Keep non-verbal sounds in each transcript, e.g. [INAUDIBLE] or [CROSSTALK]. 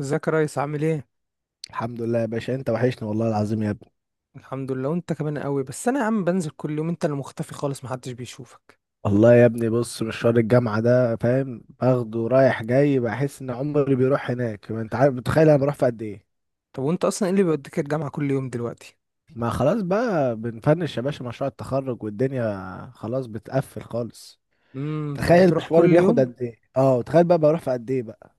ازيك يا ريس، عامل ايه؟ الحمد لله يا باشا، انت وحشني والله العظيم يا ابني. الحمد لله وانت كمان قوي. بس انا يا عم بنزل كل يوم، انت اللي مختفي خالص، محدش بيشوفك. والله يا ابني، بص مشوار الجامعة ده فاهم، باخده رايح جاي، بحس ان عمري بيروح هناك. ما انت عارف، بتخيل انا بروح في قد ايه. طب وانت اصلا ايه اللي بيوديك الجامعة كل يوم دلوقتي؟ ما خلاص بقى، بنفنش يا باشا مشروع التخرج، والدنيا خلاص بتقفل خالص. تخيل فبتروح مشواري كل بياخد يوم؟ قد ايه، اه، تخيل بقى بروح في قد ايه بقى.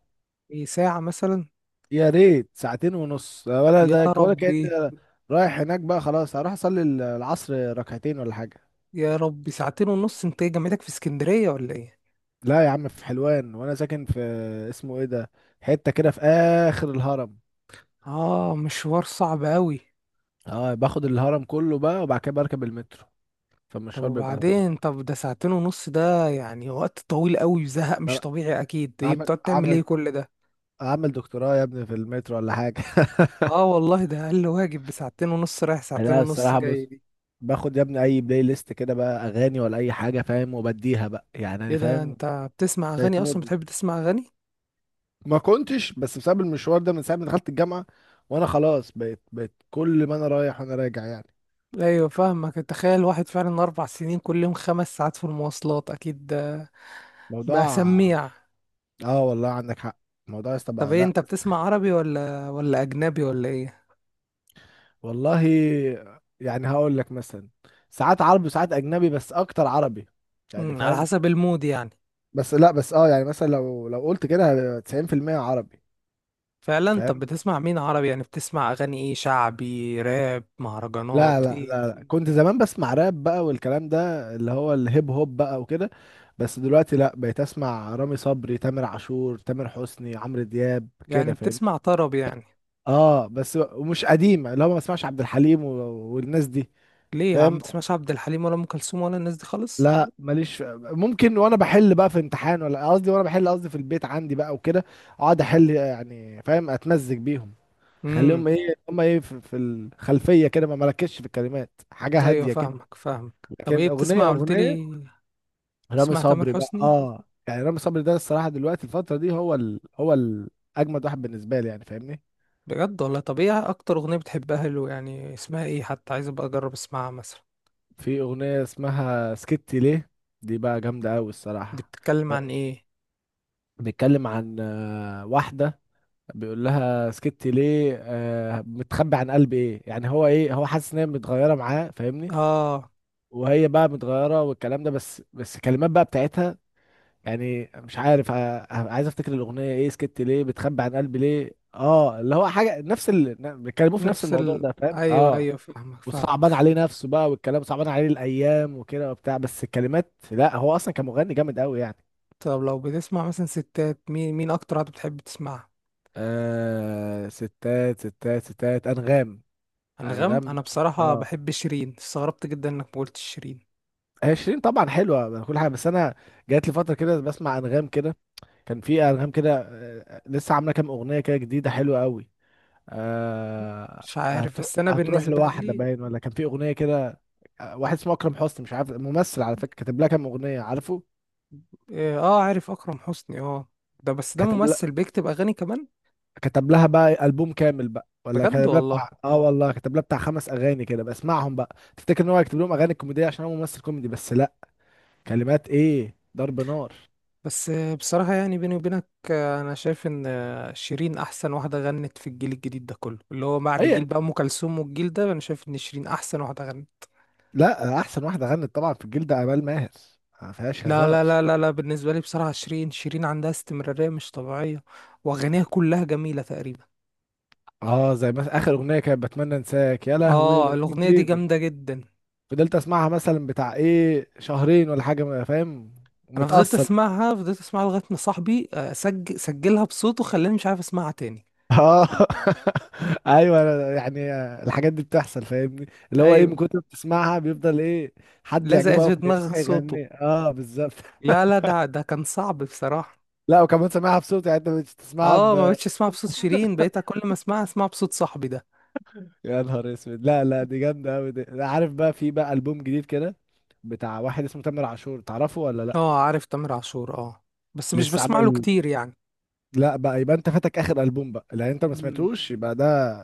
ايه، ساعة مثلا؟ يا ريت ساعتين ونص، ولا يا ده، ولا ربي! كأني رايح هناك. بقى خلاص هروح اصلي العصر ركعتين ولا حاجة. يا ربي، ساعتين ونص! انت ايه، جامعتك في اسكندرية ولا ايه؟ لا يا عم في حلوان، وانا ساكن في، اسمه ايه ده، حته كده في اخر الهرم. اه، مشوار صعب قوي. اه، باخد الهرم كله بقى، وبعد كده بركب المترو، طب فالمشوار بيبقى. وبعدين، طب ده ساعتين ونص، ده يعني وقت طويل قوي وزهق مش أنا طبيعي اكيد. ايه اعمل بتقعد تعمل ايه اعمل كل ده؟ اعمل دكتوراه يا ابني في المترو ولا حاجه. اه والله ده اقل واجب، بساعتين ونص رايح [LAUGHS] ساعتين لا، ونص الصراحه بص، جاي. باخد يا ابني اي بلاي ليست كده، بقى اغاني ولا اي حاجه فاهم، وبديها بقى، يعني انا ايه ده؟ فاهم. انت بتسمع بقت اغاني اصلا؟ مود، بتحب تسمع اغاني؟ ما كنتش، بس بسبب المشوار ده، من ساعه ما دخلت الجامعه وانا خلاص بقيت كل ما انا رايح وانا راجع، يعني ايوه فاهمك. تخيل واحد فعلا 4 سنين كل يوم 5 ساعات في المواصلات! اكيد ده بقى موضوع. سميع. اه والله عندك حق، الموضوع يا اسطى طب بقى، ايه، لا. انت بتسمع عربي ولا اجنبي ولا ايه؟ والله، يعني هقول لك مثلا، ساعات عربي وساعات اجنبي، بس اكتر عربي، يعني على فاهم. حسب المود يعني. بس لا، بس اه يعني مثلا لو قلت كده 90% عربي فعلا. طب فاهم. بتسمع مين عربي؟ يعني بتسمع اغاني ايه، شعبي، راب، لا مهرجانات، لا ايه؟ لا لا، كنت زمان بسمع راب بقى، والكلام ده اللي هو الهيب هوب بقى وكده. بس دلوقتي لا، بقيت اسمع رامي صبري، تامر عاشور، تامر حسني، عمرو دياب يعني كده فاهم. بتسمع طرب يعني؟ اه، بس ومش قديم، اللي هو ما بسمعش عبد الحليم والناس دي ليه يا عم فاهم. بتسمعش عبد الحليم ولا ام كلثوم ولا الناس دي خالص؟ لا ماليش ممكن وانا بحل بقى في امتحان، ولا قصدي وانا بحل قصدي في البيت عندي بقى وكده، اقعد احل يعني فاهم اتمزج بيهم. امم. خليهم ايه، هم ايه في الخلفيه كده، ما مركزش في الكلمات، حاجه ايوه هاديه كده. فاهمك فاهمك. طب لكن ايه اغنيه بتسمع قلت لي؟ اغنيه رامي بتسمع تامر صبري بقى، حسني؟ اه يعني رامي صبري ده الصراحه دلوقتي الفتره دي، اجمد واحد بالنسبه لي يعني فاهمني. بجد والله. طب ايه اكتر اغنية بتحبها له، يعني اسمها ايه حتى عايز ابقى اجرب اسمعها مثلا؟ في اغنيه اسمها سكتي ليه، دي بقى جامده قوي دي الصراحه. بتتكلم عن ب- ايه؟ بيتكلم عن واحده، بيقول لها سكتي ليه، آه متخبي عن قلب ايه. يعني هو ايه، هو حاسس ان هي متغيره معاه فاهمني، اه. وهي بقى متغيره والكلام ده. بس الكلمات بقى بتاعتها، يعني مش عارف، عايز افتكر الاغنيه ايه، سكتي ليه بتخبي عن قلبي ليه، اه اللي هو حاجه بيتكلموا في نفس نفس الموضوع ال ده فاهم ايوه اه. ايوه فاهمك وصعبان فاهمك. عليه نفسه بقى، والكلام صعبان عليه الايام وكده وبتاع، بس الكلمات، لا هو اصلا كان مغني جامد قوي يعني. طب لو بتسمع مثلا ستات، مين اكتر واحدة بتحب تسمعها؟ آه، ستات ستات ستات انغام، انغام. انغام انا بصراحة اه، بحب شيرين، استغربت جدا انك ما قلتش شيرين. هي شيرين طبعا حلوه كل حاجه، بس انا جات لي فتره كده بسمع انغام كده. كان في انغام كده، لسه عامله كام اغنيه كده جديده حلوه قوي. آه مش عارف هتروح بس انا هتروح بالنسبة لواحده لي. باين، ولا كان في اغنيه كده. واحد اسمه اكرم حسني، مش عارف ممثل على فكره، كتب لها كام اغنيه عارفه. اه، عارف اكرم حسني اه. ده بس ده كتب لها ممثل بيكتب اغاني كمان؟ كتب لها بقى البوم كامل، بقى ولا بجد كتب لها والله. بتاع، اه والله كتب لها بتاع خمس اغاني كده بسمعهم بقى، تفتكر ان هو يكتب لهم اغاني كوميديه عشان هو ممثل كوميدي، بس لا، كلمات ايه ضرب نار. بس. بصراحة يعني بيني وبينك، أنا شايف إن شيرين أحسن واحدة غنت في الجيل الجديد ده كله، اللي هو بعد اي، جيل بقى أم كلثوم والجيل ده. أنا شايف إن شيرين أحسن واحدة غنت. لا احسن واحده غنت طبعا في الجيل ده امال ماهر، ما فيهاش لا هزار. لا لا لا لا، بالنسبة لي بصراحة شيرين، شيرين عندها استمرارية مش طبيعية، وأغانيها كلها جميلة تقريبا. اه زي مثلا اخر اغنيه، كانت بتمنى انساك يا لهوي، آه الأغنية دي الاغنيه دي جامدة جدا. فضلت اسمعها مثلا بتاع ايه شهرين ولا حاجه، ما فاهم، أنا فضلت متاثر أسمعها فضلت أسمعها لغاية ما صاحبي سجلها بصوته، خلاني مش عارف أسمعها تاني. اه. [LAUGHS] ايوه، أنا يعني الحاجات دي بتحصل فاهمني. اللي هو ايه، من أيوه. كتر ما بتسمعها بيفضل ايه، حد لزقت يعجبه قوي، في دماغك صوته. فيغني، اه بالظبط. لا لا [LAUGHS] ده كان صعب بصراحة. لا، وكمان سامعها بصوت، يعني انت مش تسمعها، اه ما بقتش اسمعها بصوت شيرين، بقيت كل ما اسمعها اسمعها بصوت صاحبي ده. يا نهار اسود. لا لا، دي جامده قوي، دي أنا عارف بقى. في بقى البوم جديد كده بتاع واحد اسمه تامر عاشور، تعرفه ولا لا، اه عارف تامر عاشور اه. بس مش لسه بسمع له عامل. كتير يعني. لا بقى، يبقى انت فاتك اخر البوم بقى، لان انت ما امم. سمعتوش. يبقى ده،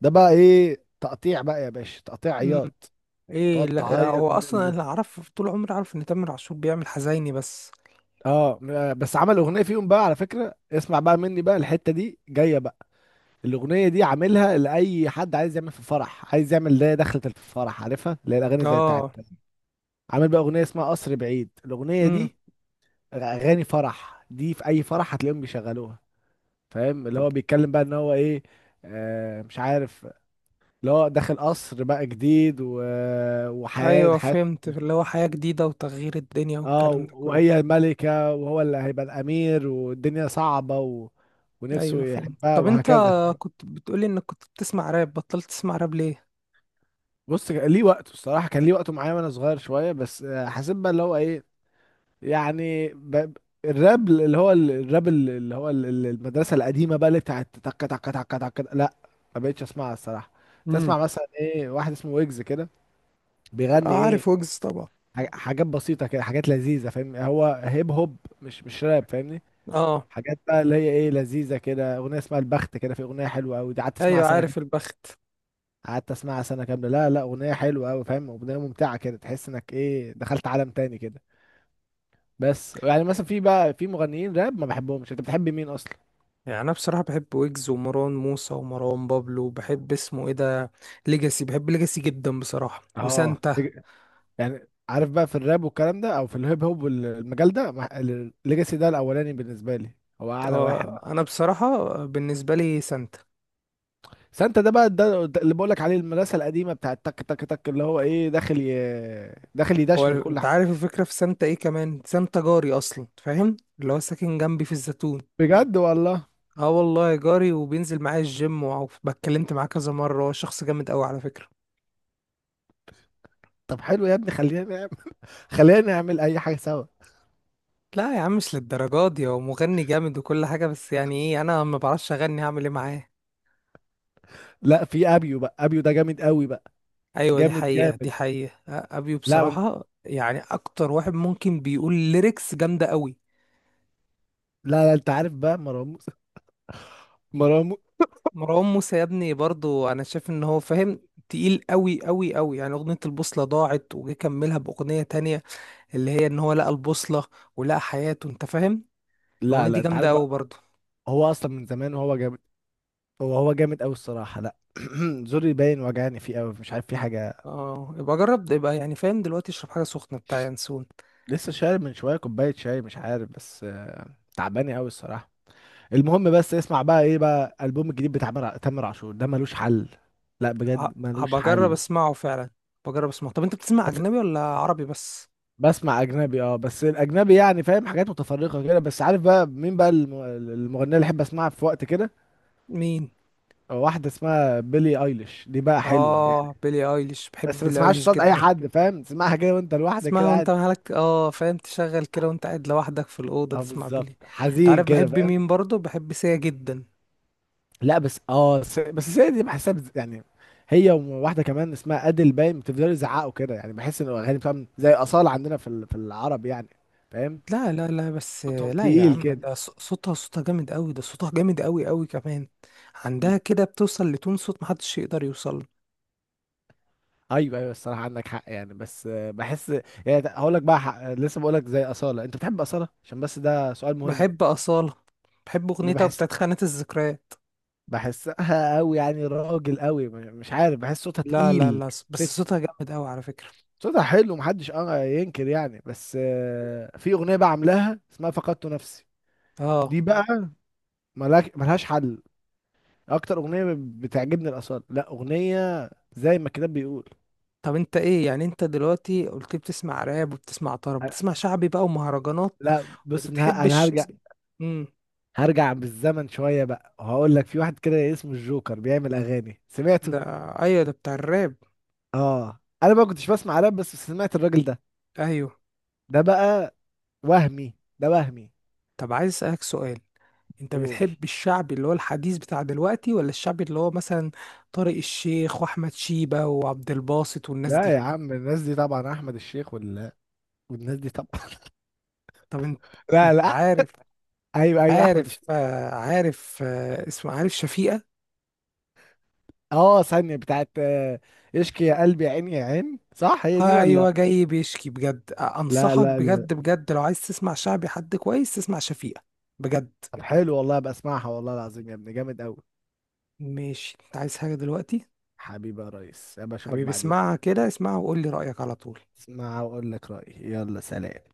ده بقى ايه، تقطيع بقى يا باشا، تقطيع امم. عياط، ايه، تقعد لا هو تعيط من اصلا البوم. اللي اعرف، طول عمري اعرف ان تامر عاشور بيعمل حزيني بس. اه، بس عمل اغنيه فيهم بقى على فكره، اسمع بقى مني بقى، الحته دي جايه بقى. الاغنيه دي عاملها لاي حد عايز يعمل في فرح، عايز يعمل ده دخلة الفرح عارفها، اللي هي الاغاني زي اه. بتاعت، عامل بقى اغنيه اسمها قصر بعيد. الاغنيه امم. دي اغاني فرح، دي في اي فرح هتلاقيهم بيشغلوها. فاهم اللي طب. هو بيتكلم بقى ان هو ايه، مش عارف، اللي هو داخل قصر بقى جديد، و، وحياة ايوه حياة. فهمت، اللي هو حياة جديدة وتغيير الدنيا اه والكلام ده كله. وهي الملكة، وهو اللي هيبقى الامير، والدنيا صعبة، و، ونفسه ايوه فهمت. يحبها، طب انت وهكذا. كنت بتقولي انك كنت بتسمع راب، بطلت تسمع راب ليه؟ بص كان ليه وقته الصراحة، كان ليه وقته معايا وانا صغير شوية، بس حسيت بقى اللي هو ايه، يعني الراب اللي هو الراب اللي هو المدرسة القديمة بقى اللي بتاعت تك تك تك تك، لا ما بقتش اسمعها الصراحة. تسمع امم. مثلا ايه واحد اسمه ويجز كده، بيغني ايه، عارف ويجز طبعا. حاجات بسيطة كده، حاجات لذيذة فاهم، هو هيب هوب، مش راب فاهمني. اه. حاجات بقى اللي هي ايه لذيذة كده، اغنية اسمها البخت كده، في اغنية حلوة قوي، دي قعدت اسمعها ايوه سنة كاملة. عارف البخت. قعدت اسمعها سنة كاملة، لا لا اغنية حلوة قوي فاهم، اغنية ممتعة كده، تحس انك ايه دخلت عالم تاني كده. بس يعني مثلا في بقى، في مغنيين راب ما بحبهمش، انت بتحب مين اصلا؟ يعني انا بصراحه بحب ويجز ومروان موسى ومروان بابلو، بحب اسمه ايه ده، ليجاسي. بحب ليجاسي جدا بصراحه، اه وسانتا. يعني عارف بقى في الراب والكلام ده، او في الهيب هوب والمجال ده، الليجاسي ده الاولاني بالنسبه لي، هو اعلى واحد اه بقى. انا بصراحه بالنسبه لي سانتا. سانتا ده بقى ده اللي بقولك عليه، المدرسه القديمه بتاعت تك تك تك، اللي هو ايه، داخل هو يدشمل كل انت عارف حاجه. الفكره في سانتا ايه كمان، سانتا جاري اصلا فاهم، اللي هو ساكن جنبي في الزيتون. بجد والله، اه والله جاري، وبينزل معايا الجيم، واتكلمت معاه كذا مره، هو شخص جامد قوي على فكره. طب حلو يا ابني، خلينا نعمل. [LAUGHS] خلينا نعمل اي حاجه سوا. لا يا عم مش للدرجات دي، هو مغني جامد وكل حاجه، بس يعني ايه انا ما بعرفش اغني، هعمل ايه معاه؟ لا في ابيو بقى، ابيو ده جامد قوي بقى، ايوه دي جامد حقيقة دي جامد. حقيقة، ابيو لا من، بصراحة يعني اكتر واحد ممكن بيقول ليركس جامدة قوي. لا لا، انت عارف بقى مروان موسى، مروان مو- مروان موسى يا ابني برضو انا شايف ان هو فاهم، تقيل قوي قوي قوي، يعني اغنية البوصلة ضاعت وجه كملها باغنية تانية اللي هي ان هو لقى البوصلة ولقى حياته انت فاهم. [LAUGHS] لا الاغنية دي لا انت جامدة عارف قوي بقى، برضو. هو اصلا من زمان وهو جامد، هو جامد قوي الصراحه لا. [CLEARS THROAT] زوري باين وجعني فيه قوي، مش عارف في حاجه. اه يبقى جرب، يبقى يعني فاهم دلوقتي اشرب حاجة سخنة بتاع ينسون. لسه شارب من شويه كوبايه شاي، مش عارف بس تعباني قوي الصراحه. المهم بس اسمع بقى، ايه بقى البوم الجديد بتاع تامر عاشور ده، ملوش حل، لا بجد ملوش هبقى اجرب حل. اسمعه فعلا، بجرب اسمعه. طب انت بتسمع اجنبي ولا عربي بس؟ بسمع اجنبي، اه بس الاجنبي يعني فاهم، حاجات متفرقه كده، بس عارف بقى مين بقى المغنيه اللي احب اسمعها في وقت كده، مين؟ واحده اسمها بيلي ايليش، دي بقى حلوه يعني. اه بيلي ايليش، بحب بس ما بيلي تسمعهاش ايليش صوت اي جدا. حد فاهم، تسمعها كده وانت لوحدك تسمعها كده وانت قاعد، مالك، اه فاهم، تشغل كده وانت قاعد لوحدك في الاوضه اه تسمع بيلي. بالظبط انت حزين عارف كده بحب فاهم. مين برضه، بحب سيا جدا. لا بس السيدة دي بحسها بز-، يعني هي وواحده كمان اسمها ادل باين، بتفضلوا يزعقوا كده، يعني بحس ان الاغاني بتاعهم زي اصاله عندنا في العرب يعني فاهم. لا لا لا بس صوتهم لا يا تقيل عم، كده. ده صوتها جامد قوي، ده صوتها جامد قوي قوي كمان. عندها كده بتوصل لتون صوت محدش يقدر يوصل له. ايوه ايوه الصراحه عندك حق، يعني بس بحس، يعني هقول لك بقى حق. لسه بقول لك، زي اصاله، انت بتحب اصاله عشان بس ده سؤال مهم. بحب أصالة، بحب أغنيتها بحس، بتاعت خانة الذكريات. بحسها قوي يعني، راجل قوي مش عارف، بحس صوتها لا لا تقيل. لا ست، بس صوتها جامد قوي على فكرة. صوتها حلو محدش اه ينكر يعني، بس في اغنيه بقى عاملاها اسمها فقدت نفسي، اه. دي بقى ملاك، ملهاش حل. اكتر اغنيه بتعجبني الاصاله، لا اغنيه زي ما الكتاب بيقول. طب انت ايه يعني، انت دلوقتي قلت بتسمع راب وبتسمع طرب، أنا- بتسمع شعبي بقى ومهرجانات لا بص، انا وبتحبش؟ هرجع، امم. هرجع بالزمن شويه بقى، وهقول لك في واحد كده اسمه الجوكر بيعمل اغاني، سمعته. ده. ايوه ده بتاع الراب. اه انا ما كنتش بسمع راب، بس سمعت الراجل ده، ايوه. ده بقى وهمي، ده وهمي. طب عايز اسالك سؤال، انت قول، بتحب الشعبي اللي هو الحديث بتاع دلوقتي، ولا الشعبي اللي هو مثلا طارق الشيخ واحمد شيبة وعبد الباسط والناس لا دي؟ يا عم الناس دي طبعا احمد الشيخ، ولا والناس دي طبعا [LAUGHS] طب انت، لا انت لا، عارف. ايوه ايوه احمد الش، عارف عارف اسمه عارف شفيقة. اه ثانيه بتاعت اشكي يا قلبي يا عيني يا عين، صح هي دي ولا؟ ايوه جاي بيشكي، بجد لا انصحك لا لا، بجد بجد لو عايز تسمع شعبي حد كويس تسمع شفيقة. بجد. طب حلو والله بسمعها والله العظيم يا ابني، جامد قوي. ماشي، انت عايز حاجة دلوقتي؟ حبيبي يا ريس، ابقى اشوفك حبيبي بعدين. اسمعها كده، اسمعها وقول لي رأيك على طول. اسمع واقول لك رايي، يلا سلام.